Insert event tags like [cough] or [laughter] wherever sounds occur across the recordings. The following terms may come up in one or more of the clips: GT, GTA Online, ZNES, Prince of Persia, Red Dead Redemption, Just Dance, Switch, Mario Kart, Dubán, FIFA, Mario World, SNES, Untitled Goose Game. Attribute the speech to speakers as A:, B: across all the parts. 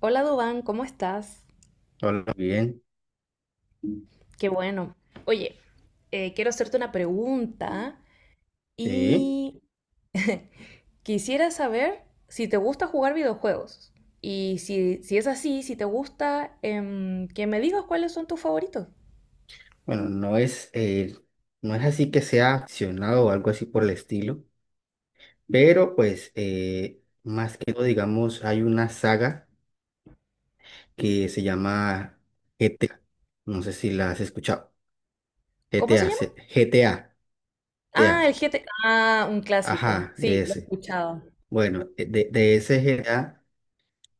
A: Hola Dubán, ¿cómo estás?
B: Hola, bien.
A: Qué bueno. Oye, quiero hacerte una pregunta
B: Sí.
A: y quisiera saber si te gusta jugar videojuegos. Y si es así, si te gusta, que me digas cuáles son tus favoritos.
B: Bueno, no es así que sea accionado o algo así por el estilo, pero pues más que todo, digamos, hay una saga que se llama GTA. No sé si la has escuchado.
A: ¿Cómo se
B: GTA,
A: llama? Ah, el
B: GTA.
A: GT. Ah, un clásico.
B: Ajá,
A: Sí,
B: ese. Bueno, de ese GTA,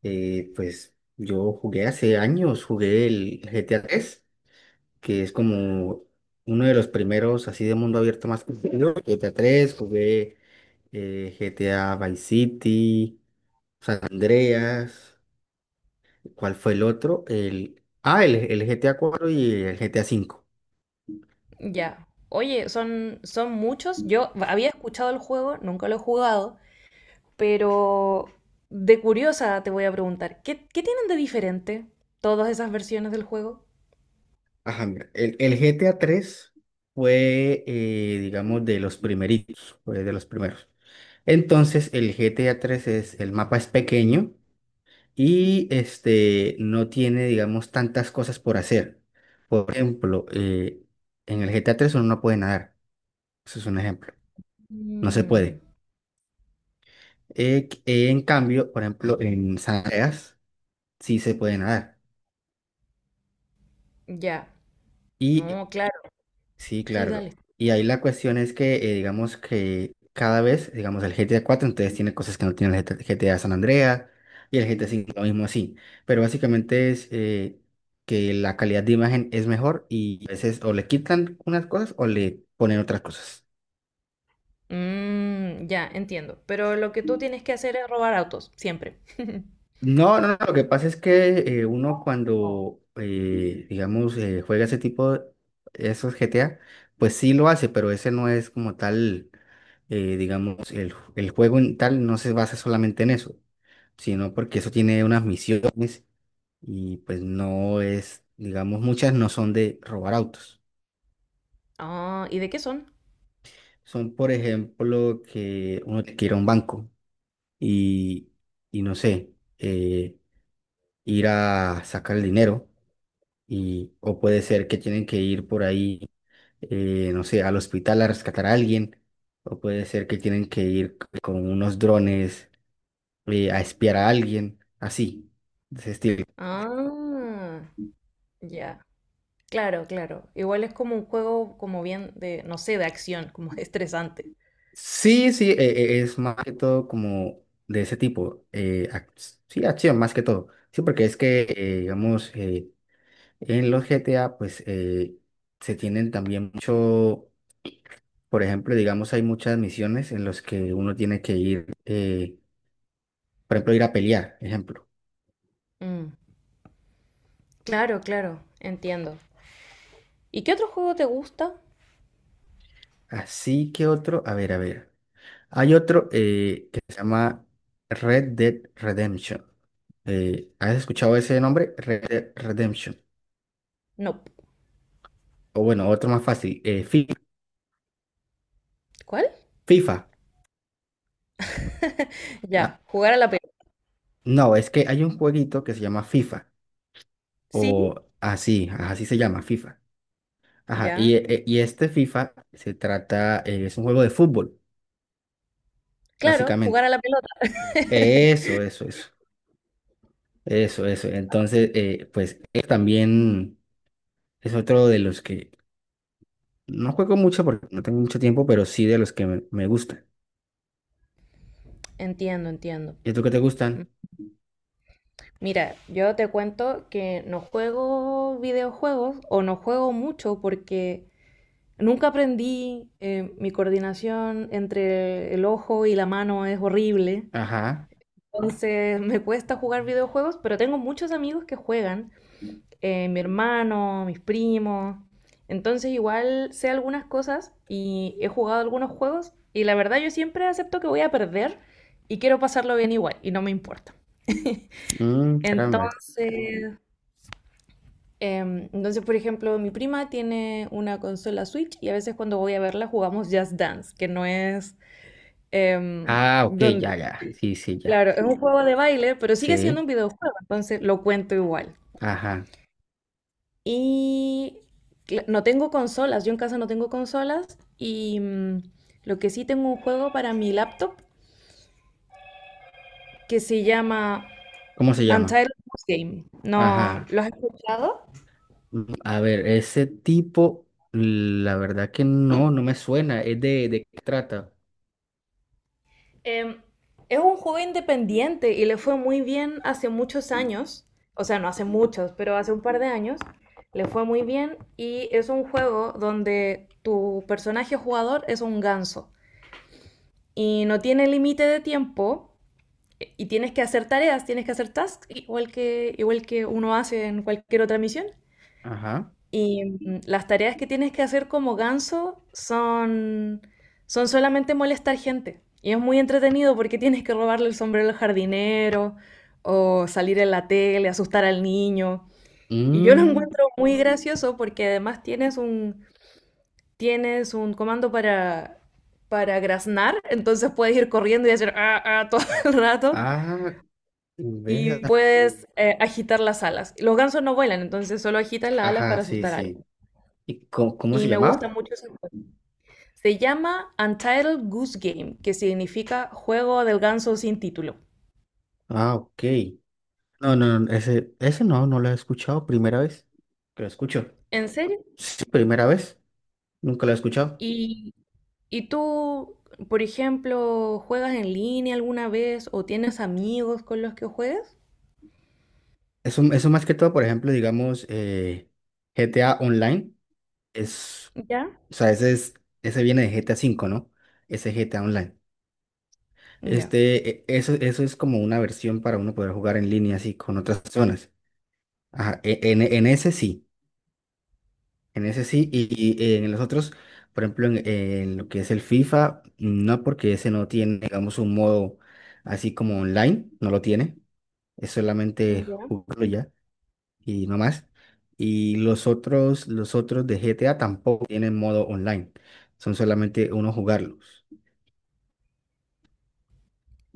B: pues yo jugué hace años, jugué el GTA 3, que es como uno de los primeros así de mundo abierto más conocido. GTA 3 jugué, GTA Vice City, San Andreas. ¿Cuál fue el otro? El GTA 4 y el GTA cinco.
A: ya. Oye, son muchos. Yo había escuchado el juego, nunca lo he jugado, pero de curiosa te voy a preguntar, ¿qué tienen de diferente todas esas versiones del juego?
B: Ajá, mira, el GTA 3 fue, digamos, de los primeritos, fue de los primeros. Entonces, el GTA 3 es, el mapa es pequeño y este, no tiene, digamos, tantas cosas por hacer. Por ejemplo, en el GTA 3 uno no puede nadar. Eso es un ejemplo. No se
A: Mm,
B: puede. En cambio, por ejemplo, en San Andreas sí se puede nadar.
A: ya.
B: Y
A: No, claro.
B: Sí,
A: Sí, dale.
B: claro. Y ahí la cuestión es que, digamos que cada vez, digamos, el GTA 4 entonces tiene cosas que no tiene el GTA San Andreas y el GTA 5 lo mismo así. Pero básicamente es, que la calidad de imagen es mejor y a veces o le quitan unas cosas o le ponen otras cosas.
A: Mm, ya, entiendo. Pero lo que tú tienes que hacer es robar autos, siempre. [laughs]
B: No, no, no, lo que pasa es que, uno cuando, digamos, juega ese tipo de esos GTA, pues sí lo hace, pero ese no es como tal, digamos, el juego en tal no se basa solamente en eso, sino porque eso tiene unas misiones y pues no es, digamos, muchas no son de robar autos.
A: Ah, ¿y de qué son?
B: Son, por ejemplo, que uno tiene que ir a un banco y, no sé, eh, ir a sacar el dinero y, o puede ser que tienen que ir por ahí, no sé, al hospital a rescatar a alguien, o puede ser que tienen que ir con unos drones, a espiar a alguien, así, de ese estilo.
A: Ah, ya. Claro, claro. Igual es como un juego como bien de, no sé, de acción, como [laughs] estresante.
B: Sí, sí, es más que todo como de ese tipo, sí, acción más que todo, sí, porque es que, digamos, en los GTA, pues, se tienen también mucho. Por ejemplo, digamos, hay muchas misiones en las que uno tiene que ir, por ejemplo, ir a pelear, ejemplo.
A: Mm, claro, claro. Entiendo. ¿Y qué otro juego te gusta?
B: Así que otro, a ver, a ver. Hay otro, que se llama Red Dead Redemption. ¿Has escuchado ese nombre? Red Dead Redemption.
A: No.
B: O bueno, otro más fácil,
A: ¿Cuál?
B: FIFA.
A: [laughs]
B: Ah,
A: Ya, jugar a la pelota.
B: no, es que hay un jueguito que se llama FIFA. O
A: Sí,
B: así, ajá, así se llama, FIFA. Ajá,
A: ya.
B: y este FIFA se trata, es un juego de fútbol,
A: Claro, jugar
B: básicamente.
A: a la pelota.
B: Eso, eso, eso. Eso, eso. Entonces, también. Es otro de los que no juego mucho porque no tengo mucho tiempo, pero sí de los que me gustan.
A: Entiendo, entiendo.
B: ¿Y tú qué te gustan?
A: Mira, yo te cuento que no juego videojuegos o no juego mucho porque nunca aprendí, mi coordinación entre el ojo y la mano es horrible.
B: Ajá.
A: Entonces me cuesta jugar videojuegos, pero tengo muchos amigos que juegan, mi hermano, mis primos. Entonces igual sé algunas cosas y he jugado algunos juegos y la verdad yo siempre acepto que voy a perder y quiero pasarlo bien igual y no me importa.
B: Mm, caramba.
A: Entonces, entonces, por ejemplo, mi prima tiene una consola Switch y a veces cuando voy a verla jugamos Just Dance, que no es em,
B: Ah, ok,
A: donde...
B: ya, ya. Sí, sí, ya.
A: Claro, es un juego de baile, pero sigue
B: Sí.
A: siendo un videojuego, entonces lo cuento igual.
B: Ajá.
A: Y no tengo consolas, yo en casa no tengo consolas y mm, lo que sí tengo un juego para mi laptop que se llama
B: ¿Cómo se llama?
A: Untitled Goose Game. ¿No
B: Ajá.
A: lo has escuchado?
B: Mm, a ver, ese tipo, la verdad que no, no me suena. ¿Es de qué trata?
A: Em, es un juego independiente y le fue muy bien hace muchos años, o sea, no hace muchos, pero hace un par de años, le fue muy bien y es un juego donde tu personaje jugador es un ganso y no tiene límite de tiempo y tienes que hacer tareas, tienes que hacer tasks igual que uno hace en cualquier otra misión
B: Ajá.
A: y mm, las tareas que tienes que hacer como ganso son, son solamente molestar gente. Y es muy entretenido porque tienes que robarle el sombrero al jardinero o salir en la tele, asustar al niño. Y yo lo [laughs]
B: Mm,
A: encuentro muy gracioso porque además tienes un comando para graznar, entonces puedes ir corriendo y hacer ah, ah, todo [laughs] el rato
B: ah, vea.
A: y puedes agitar las alas. Los gansos no vuelan, entonces solo agitan las alas
B: Ajá,
A: para
B: sí,
A: asustar a alguien.
B: sí. ¿Y cómo se
A: Y me gusta
B: llamaba?
A: mucho eso. Se llama Untitled Goose Game, que significa juego del ganso sin título.
B: Ah, ok. No, no, no, ese no, no lo he escuchado. Primera vez que lo escucho.
A: ¿En serio?
B: Sí, primera vez. Nunca lo he escuchado.
A: ¿Y, y tú, por ejemplo, juegas en línea alguna vez o tienes amigos con los que juegues?
B: Eso más que todo, por ejemplo, digamos, GTA Online es,
A: Ya.
B: o sea, ese viene de GTA cinco, ¿no? Ese GTA Online.
A: Ya.
B: Eso es como una versión para uno poder jugar en línea así con otras personas. Ajá, en ese sí. En ese sí, y en los otros, por ejemplo, en lo que es el FIFA, no porque ese no tiene, digamos, un modo así como online, no lo tiene, es solamente
A: Ya.
B: jugarlo ya y no más. Y los otros de GTA tampoco tienen modo online, son solamente uno jugarlos.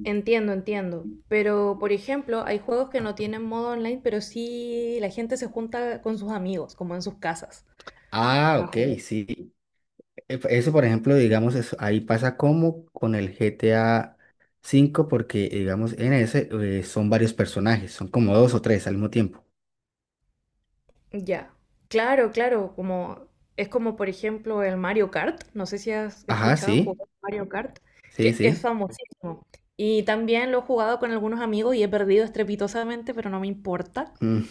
A: Entiendo, entiendo. Pero, por ejemplo, hay juegos que no tienen modo online, pero sí la gente se junta con sus amigos, como en sus casas.
B: Ah, ok, sí. Eso, por ejemplo, digamos, ahí pasa como con el GTA 5, porque, digamos, en ese, son varios personajes, son como dos o tres al mismo tiempo.
A: Ya. Claro, claro, como es como por ejemplo el Mario Kart, no sé si has
B: Ajá,
A: escuchado
B: sí,
A: jugar Mario Kart,
B: sí,
A: que es
B: sí.
A: famosísimo. Y también lo he jugado con algunos amigos y he perdido estrepitosamente, pero no me importa.
B: Mm,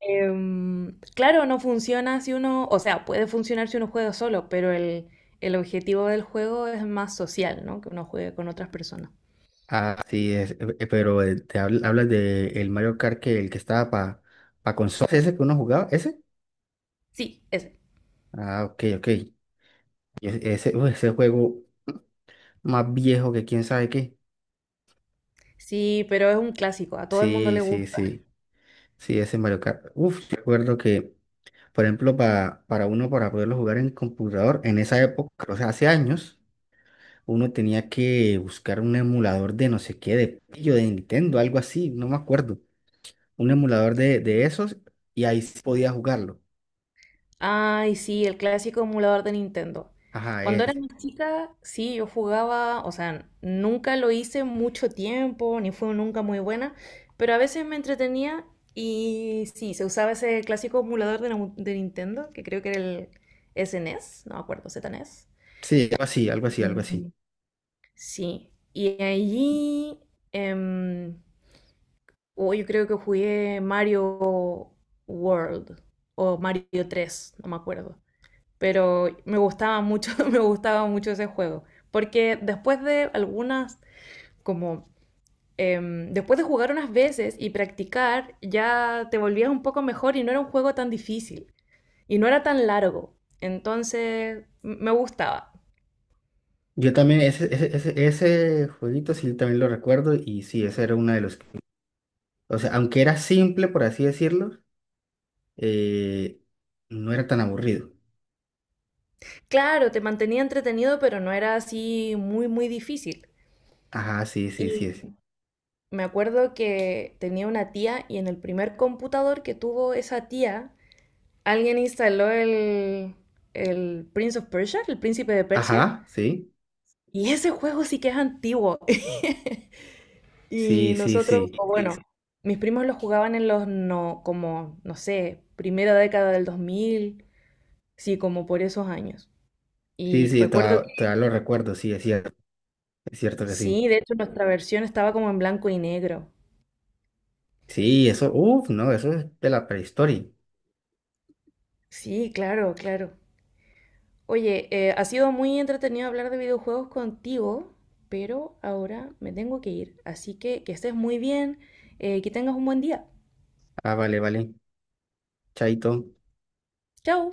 A: Claro, no funciona si uno, o sea, puede funcionar si uno juega solo, pero el objetivo del juego es más social, ¿no? Que uno juegue con otras personas.
B: ah, sí, es, pero te hablas de el Mario Kart, que el que estaba para pa consola, ese que uno jugaba, ese.
A: Sí, ese.
B: Ah, ok, ok. Y ese juego más viejo que quién sabe qué.
A: Sí, pero es un clásico, a todo el mundo
B: Sí,
A: le
B: sí,
A: gusta.
B: sí. Sí, ese Mario Kart. Uf, yo recuerdo que, por ejemplo, para uno para poderlo jugar en computador, en esa época, o sea, hace años, uno tenía que buscar un emulador de no sé qué, de pillo de Nintendo, algo así, no me acuerdo. Un emulador de esos y ahí sí podía jugarlo.
A: Ay, sí, el clásico emulador de Nintendo.
B: Ajá,
A: Cuando era
B: ese.
A: más chica, sí, yo jugaba, o sea, nunca lo hice mucho tiempo, ni fue nunca muy buena, pero a veces me entretenía y sí, se usaba ese clásico emulador de, de Nintendo, que creo que era el SNES, no me acuerdo, ZNES.
B: Sí, algo así, algo así, algo
A: Mm.
B: así.
A: Sí, y allí, em, oh, yo creo que jugué Mario World o Mario 3, no me acuerdo pero me gustaba mucho, [laughs] me gustaba mucho ese juego, porque después de algunas, como después de jugar unas veces y practicar, ya te volvías un poco mejor y no era un juego tan difícil y no era tan largo, entonces me gustaba.
B: Yo también, ese jueguito sí también lo recuerdo y sí, ese era uno de los O sea, aunque era simple, por así decirlo, eh, no era tan aburrido.
A: Claro, te mantenía entretenido, pero no era así muy difícil.
B: Ajá, sí, sí,
A: Y
B: sí, sí.
A: me acuerdo que tenía una tía y en el primer computador que tuvo esa tía, alguien instaló el Prince of Persia, el príncipe de Persia,
B: Ajá, sí,
A: y ese juego sí que es antiguo. [laughs] Y
B: sí, sí,
A: nosotros,
B: sí.
A: o bueno, mis primos lo jugaban en los, no, como, no sé, primera década del 2000, sí, como por esos años.
B: Sí,
A: Y
B: sí,
A: recuerdo que
B: todavía, lo recuerdo, sí, es cierto que sí.
A: sí, de hecho nuestra versión estaba como en blanco y negro.
B: Sí, eso, uff, no, eso es de la prehistoria.
A: Sí, claro, claro. Oye, ha sido muy entretenido hablar de videojuegos contigo, pero ahora me tengo que ir. Así que estés muy bien, que tengas un buen día.
B: Ah, vale, vale. Chaito.
A: Chao.